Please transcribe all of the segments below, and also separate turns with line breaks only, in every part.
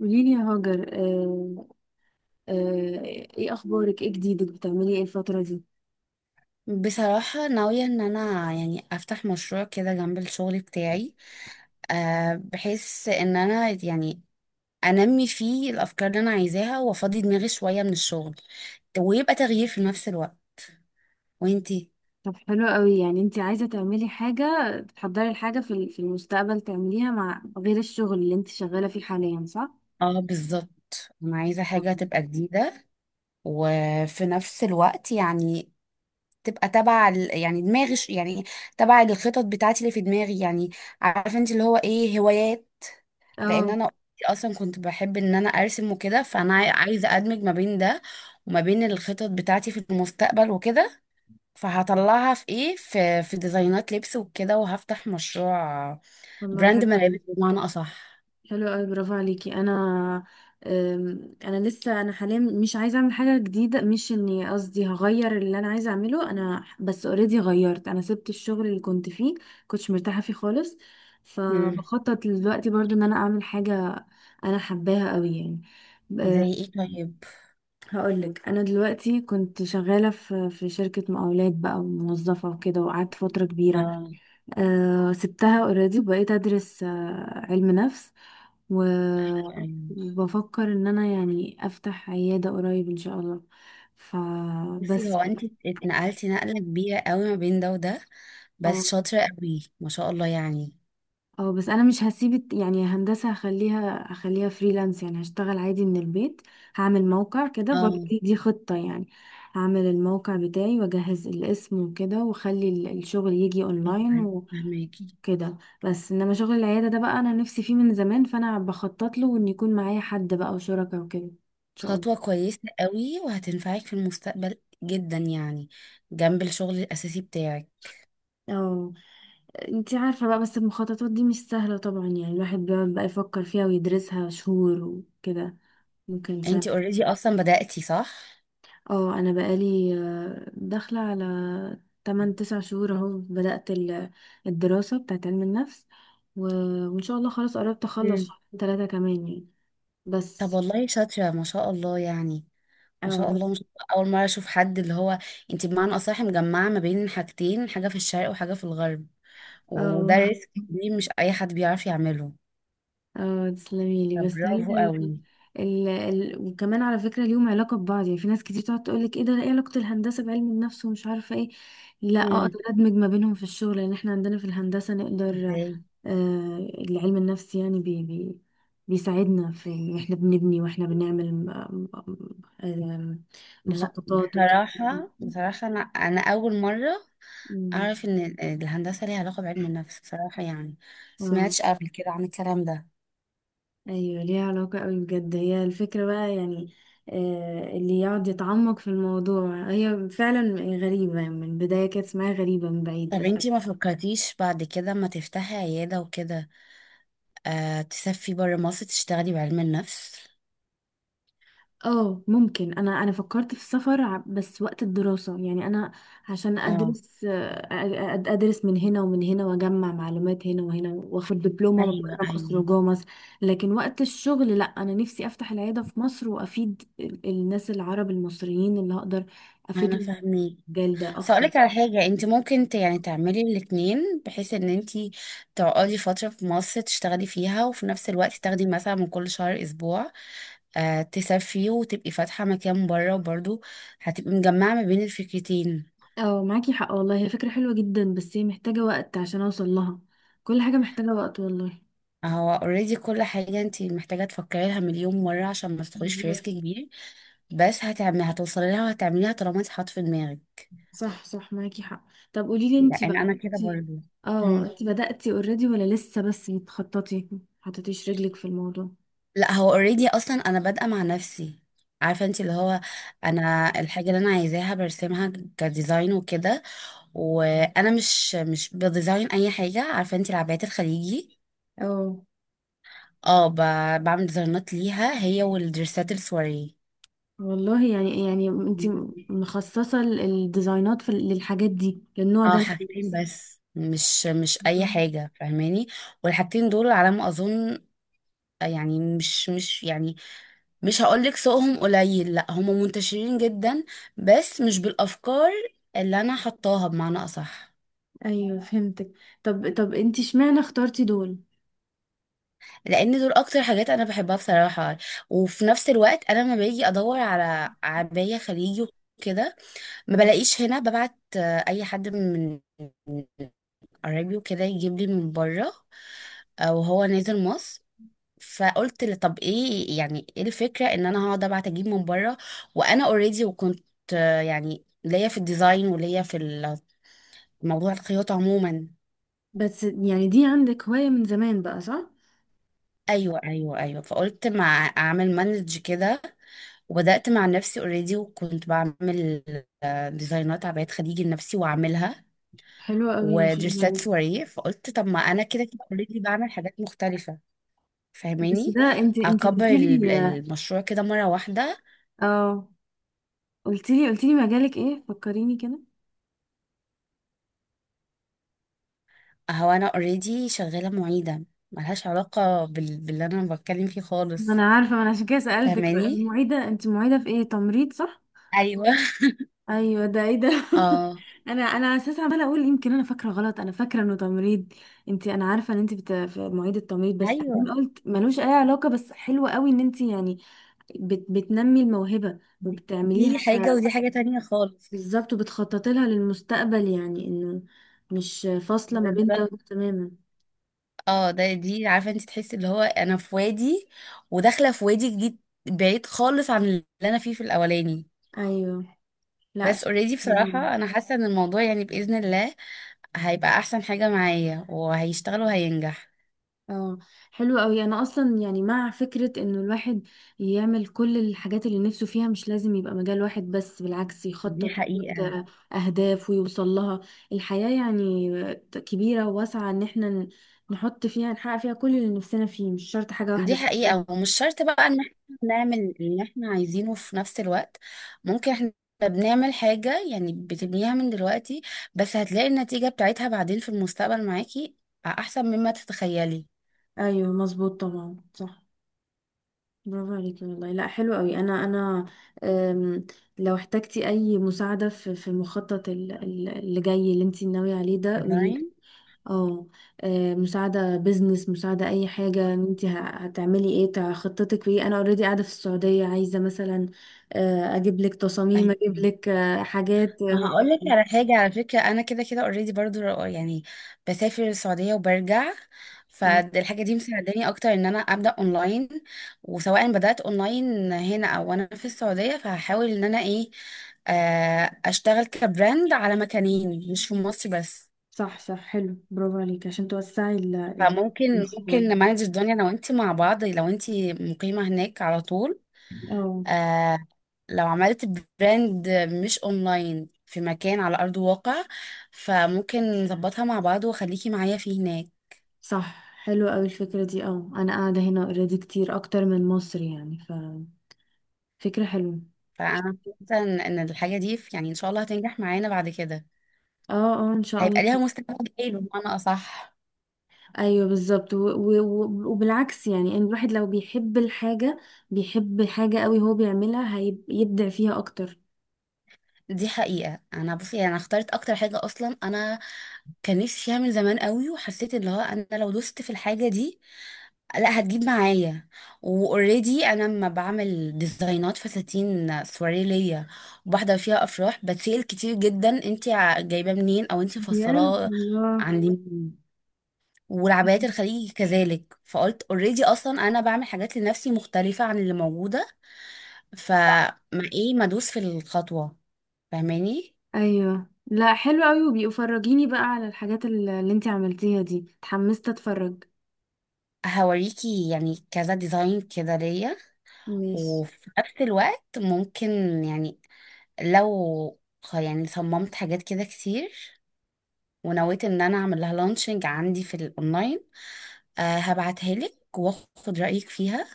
قولي لي يا هاجر آه. آه. ايه اخبارك، ايه جديدك، بتعملي ايه الفترة دي؟
بصراحة ناوية ان انا يعني افتح مشروع كده جنب الشغل بتاعي. بحيث ان انا يعني انمي فيه الافكار اللي انا عايزاها وافضي دماغي شوية من الشغل، ويبقى تغيير في نفس الوقت. وانتي؟
طب حلو قوي، يعني انت عايزة تعملي حاجة تحضري الحاجة في المستقبل تعمليها مع غير الشغل اللي انت شغالة فيه حاليا، صح؟
اه بالظبط، انا عايزة حاجة
مهم.
تبقى جديدة، وفي نفس الوقت يعني تبقى يعني يعني تبع الخطط بتاعتي اللي في دماغي يعني. عارفة انت اللي هو ايه، هوايات. لان
اه
انا اصلا كنت بحب ان انا ارسم وكده، فانا عايزه ادمج ما بين ده وما بين الخطط بتاعتي في المستقبل وكده. فهطلعها في ايه، في ديزاينات لبس وكده، وهفتح مشروع
والله
براند
حلو.
ملابس بمعنى اصح.
حلو قوي، برافو عليكي. انا انا لسه، انا حاليا مش عايزه اعمل حاجه جديده، مش اني، قصدي هغير اللي انا عايزه اعمله، انا بس اوريدي غيرت، انا سبت الشغل اللي كنت فيه، كنتش مرتاحه فيه خالص.
امم
فبخطط دلوقتي برضو ان انا اعمل حاجه انا حباها قوي يعني. أه،
زي ايه طيب؟
هقولك، انا دلوقتي كنت شغاله في شركه مقاولات بقى وموظفه وكده، وقعدت فتره كبيره.
اه،
سبتها اوريدي وبقيت ادرس، علم نفس و-
ايوه ايوه.
وبفكر ان انا يعني افتح عيادة قريب ان شاء الله.
بصي،
فبس.
هو انت اتنقلتي نقله كبيره قوي ما بين ده وده،
اه.
بس شاطره قوي ما شاء الله يعني.
اه بس انا مش هسيب هندسة، هخليها فريلانس، يعني هشتغل عادي من البيت. هعمل موقع كده برضه،
اه،
دي خطة يعني. هعمل الموقع بتاعي واجهز الاسم وكده واخلي الشغل يجي
ايوه، أيوة،
اونلاين
فهماكي.
كده. بس انما شغل العيادة ده بقى انا نفسي فيه من زمان، فانا بخطط له ان يكون معايا حد بقى وشركاء وكده ان شاء الله.
خطوة كويسة قوي وهتنفعك في المستقبل جدا يعني، جنب الشغل الأساسي بتاعك.
اه. انتي عارفة بقى، بس المخططات دي مش سهلة طبعا، يعني الواحد بيقعد بقى يفكر فيها ويدرسها شهور وكده، ممكن سنة.
انتي اوريدي اصلا بدأتي صح؟
اه انا بقالي، داخلة على 8 9 شهور اهو، بدأت الدراسة بتاعت علم النفس و- وان شاء الله خلاص قربت اخلص،
مم.
شهر 3 كمان يعني.
طب
بس.
والله شاطرة ما شاء الله يعني. ما
اه
شاء الله
بس.
ما شاء الله. أول مرة أشوف حد اللي هو انتي بمعنى أصح مجمعة ما بين حاجتين، حاجة في الشرق وحاجة في الغرب، وده
اه
ريسك كبير مش أي حد بيعرف يعمله.
اه تسلميلي. بس هي
فبرافو
ال...
قوي.
ال... ال... وكمان على فكرة ليهم علاقة ببعض يعني، في ناس كتير تقعد تقولك ايه ده، ايه علاقة الهندسة بعلم النفس ومش عارفة ايه، لا
مم.
اقدر ادمج ما بينهم في الشغل، لان احنا عندنا في الهندسة نقدر.
ازاي؟
آه، العلم النفسي يعني بي... بي... بيساعدنا في احنا بنبني واحنا بنعمل م... م... م- آم،
لا
مخططات وكده
بصراحة بصراحة أنا أول مرة
م-
أعرف إن الهندسة ليها علاقة بعلم النفس بصراحة يعني،
اه.
سمعتش قبل كده عن الكلام ده.
ايوه ليها علاقة قوي بجد، هي الفكرة بقى يعني، اللي يقعد يتعمق في الموضوع، هي فعلا غريبة من البداية، كانت اسمها غريبة من بعيد
طب
بس.
انتي ما فكرتيش بعد كده ما تفتحي عيادة وكده، آه تسافري برا مصر تشتغلي بعلم النفس.
اه ممكن، انا فكرت في السفر، بس وقت الدراسة يعني، انا عشان
اه،
ادرس، ادرس من هنا ومن هنا واجمع معلومات هنا وهنا واخد دبلومة من
ايوه
بره مصر
ايوه،
وجوه مصر. لكن وقت الشغل لا، انا نفسي افتح العيادة في مصر وافيد الناس العرب المصريين اللي هقدر
انا
افيدهم
فاهمك.
في المجال ده
بس
اكتر.
اقولك على حاجه، انت ممكن يعني تعملي الاتنين، بحيث ان انت تقعدي فتره في مصر تشتغلي فيها، وفي نفس الوقت تاخدي مثلا من كل شهر اسبوع آه تسافري وتبقي فاتحه مكان بره، وبرضه هتبقي مجمعه ما بين الفكرتين.
اه معاكي حق والله، هي فكرة حلوة جدا، بس هي محتاجة وقت عشان اوصل لها، كل حاجة محتاجة وقت والله.
هو اوريدي كل حاجة انت محتاجة تفكري لها مليون مرة عشان ما تدخليش في ريسك
بالظبط.
كبير. بس هتعملي، هتوصلي لها وهتعمليها طالما انت حاطة في دماغك.
صح صح معاكي حق. طب قولي لي انتي
لان
بقى،
انا كده
انتي
برضو.
اه،
مم.
انتي بدأتي اوريدي ولا لسه بس بتخططي، حطيتيش رجلك في الموضوع؟
لا هو اوريدي اصلا انا بادئة مع نفسي. عارفة انت اللي هو، انا الحاجة اللي انا عايزاها برسمها كديزاين وكده. وانا مش بديزاين اي حاجة، عارفة انت العبايات الخليجي.
اه.
اه، بعمل ديزاينات ليها، هي والدرسات السواري.
والله يعني، انتي مخصصة الديزاينات في للحاجات دي، للنوع ده
اه،
من
حاجتين
اللبس؟
بس، مش اي
مم.
حاجه، فاهماني. والحاجتين دول على ما اظن يعني، مش يعني، مش هقولك سوقهم قليل، لا هم منتشرين جدا، بس مش بالافكار اللي انا حطاها بمعنى اصح.
ايوه فهمتك. طب انتي اشمعنى اخترتي دول؟
لان دول اكتر حاجات انا بحبها بصراحه. وفي نفس الوقت انا لما باجي ادور على عبايه خليجي وكده ما
مم.
بلاقيش هنا، ببعت اي حد من من قرايبي وكده يجيب لي من بره وهو نازل مصر. فقلت لي طب ايه، يعني ايه الفكره ان انا هقعد ابعت اجيب من بره، وانا اوريدي وكنت يعني ليا في الديزاين وليا في موضوع الخياطه عموما.
بس يعني دي عندك هواية من زمان بقى صح؟
ايوه، فقلت مع اعمل مانج كده، وبدات مع نفسي اوريدي، وكنت بعمل ديزاينات عبايات خديجي لنفسي واعملها،
حلوة قوي ما شاء الله
ودريسات
عليك.
سواريه. فقلت طب ما انا كده كده اوريدي بعمل حاجات مختلفه،
بس
فاهماني،
ده انت
اكبر
قلت لي.
المشروع كده مره واحده.
اه قلت لي، مجالك ايه، فكريني كده.
هو انا اوريدي شغاله معيده، ملهاش علاقه بال... باللي انا بتكلم فيه
ما
خالص،
انا عارفة، ما انا عشان كده سألتك،
فاهماني.
المعيدة انت، معيدة في ايه، تمريض صح؟
ايوه
ايوه ده، ايه ده؟
اه.
انا اساسا عمالة اقول يمكن انا فاكرة غلط، انا فاكرة انه تمريض. انت، انا عارفة ان انت بت... في، معيدة تمريض، بس
ايوه،
بعدين قلت ملوش اي علاقة، بس حلوة قوي ان انت يعني بت... بتنمي الموهبة
دي
وبتعمليها
دي
ك...
حاجه ودي حاجه تانية خالص.
بالظبط، وبتخططي لها للمستقبل، يعني انه مش فاصلة ما بين ده
بالظبط.
وده تماما.
اه ده دي عارفه انت، تحسي اللي هو انا في وادي، وداخله في وادي جديد بعيد خالص عن اللي انا فيه في الاولاني.
ايوه. لا
بس
ش-.
اوريدي
برافو.
بصراحه انا حاسه ان الموضوع يعني باذن الله هيبقى احسن حاجه معايا، وهيشتغل وهينجح.
اه حلو قوي، انا اصلا يعني مع فكرة انه الواحد يعمل كل الحاجات اللي نفسه فيها، مش لازم يبقى مجال واحد بس، بالعكس
دي
يخطط ويحط
حقيقة.
اهداف ويوصل لها. الحياة يعني كبيرة وواسعة، ان احنا نحط فيها، نحقق فيها كل اللي نفسنا فيه، مش شرط حاجة
دي
واحدة بس.
حقيقة، ومش شرط بقى ان احنا نعمل اللي احنا عايزينه في نفس الوقت. ممكن احنا بنعمل حاجة، يعني بتبنيها من دلوقتي، بس هتلاقي النتيجة بتاعتها بعدين في المستقبل معاكي احسن مما تتخيلي.
ايوه مظبوط طبعا صح. برافو عليكي والله، لا حلو قوي. انا أم، لو احتجتي اي مساعده في المخطط اللي جاي، اللي انت ناويه عليه ده، قولي.
فاهمة؟
اه. مساعده بزنس، مساعده اي حاجه، انت هتعملي ايه، خطتك ايه، انا اوريدي قاعده في السعوديه، عايزه مثلا، اجيب لك تصاميم، اجيب
أيوة.
لك حاجات،
ما
مع-.
هقول لك على حاجة، على فكرة أنا كده كده اوريدي برضو يعني بسافر السعودية وبرجع،
اه
فالحاجة دي مساعداني أكتر إن أنا أبدأ أونلاين. وسواء بدأت أونلاين هنا أو أنا في السعودية، فهحاول إن أنا إيه، أشتغل كبراند على مكانين، مش في مصر بس.
صح صح حلو، برافو عليكي، عشان توسعي
فممكن
المشروع.
ممكن نمانج الدنيا لو أنت مع بعض لو أنت مقيمة هناك على طول.
اه
آه، لو عملت براند مش اونلاين في مكان على ارض الواقع، فممكن نظبطها مع بعض وخليكي معايا فيه هناك.
صح. حلوة أوي الفكرة دي، اه أنا قاعدة هنا اوريدي كتير أكتر من مصر، يعني ففكرة حلوة.
فانا حاسه ان إن الحاجه دي يعني ان شاء الله هتنجح معانا بعد كده،
اه. اه ان شاء الله.
هيبقى ليها مستقبل ايه بمعنى اصح.
ايوه بالظبط، وبالعكس يعني، ان الواحد لو بيحب الحاجة، بيحب حاجة قوي هو بيعملها، هيبدع فيها اكتر.
دي حقيقه. انا بصي انا اخترت اكتر حاجه اصلا انا كان نفسي اعمل زمان قوي، وحسيت ان هو انا لو دوست في الحاجه دي لا هتجيب معايا. واوريدي انا لما بعمل ديزاينات فساتين سواري ليا وبحضر فيها افراح، بتسأل كتير جدا، انت جايباه منين او انت
بجد
مفصلاه
الله.
عند مين. والعبايات الخليجي كذلك. فقلت اوريدي اصلا انا بعمل حاجات لنفسي مختلفه عن اللي موجوده، فما ايه، ما ادوس في الخطوه، فاهماني.
ايوه لا حلو قوي، وبيبقوا فرجيني بقى على الحاجات اللي، انتي عملتيها دي، اتحمست اتفرج.
هوريكي يعني كذا ديزاين كده ليا.
ماشي.
وفي نفس الوقت ممكن يعني لو يعني صممت حاجات كده كتير ونويت ان انا اعمل لها لانشنج عندي في الاونلاين، آه هبعتها لك واخد رأيك فيها،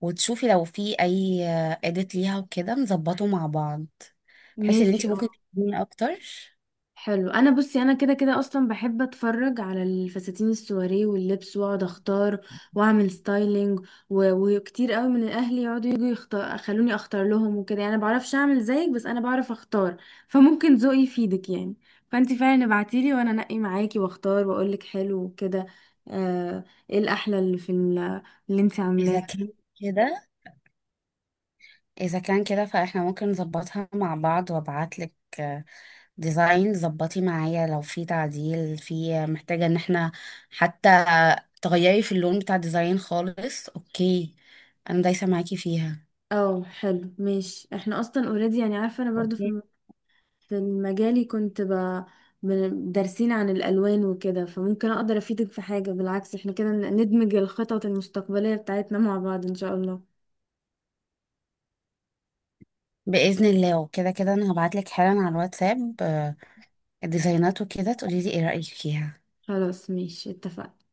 وتشوفي لو في اي اديت ليها وكده نظبطه مع بعض، بحيث ان
ماشي
انت
اه.
ممكن تفيديني اكتر.
حلو، انا بصي انا كده كده اصلا بحب اتفرج على الفساتين السواري واللبس، واقعد اختار واعمل ستايلينج، و... وكتير قوي من الاهل يقعدوا يجوا يختار، خلوني اختار لهم وكده، يعني انا بعرفش اعمل زيك بس انا بعرف اختار، فممكن ذوقي يفيدك يعني. فانتي فعلا ابعتيلي وانا انقي معاكي واختار واقولك حلو وكده. آه... ايه الاحلى اللي في ال... اللي انتي
اذا
عاملاه.
كان كده، اذا كان كده فاحنا ممكن نظبطها مع بعض، وابعت لك ديزاين ظبطي معايا لو في تعديل، في محتاجة ان احنا حتى تغيري في اللون بتاع الديزاين خالص، اوكي، انا دايسة معاكي فيها.
اه حلو ماشي، احنا اصلا اوريدي يعني، عارفه انا برضو
اوكي،
في، كان مجالي، كنت ب... دارسين عن الألوان وكده، فممكن أقدر أفيدك في حاجة، بالعكس احنا كده ندمج الخطط المستقبلية بتاعتنا مع بعض إن شاء الله.
بإذن الله. وكده كده انا هبعتلك حالا على الواتساب الديزاينات وكده تقولي لي ايه رأيك فيها.
خلاص ماشي اتفقنا.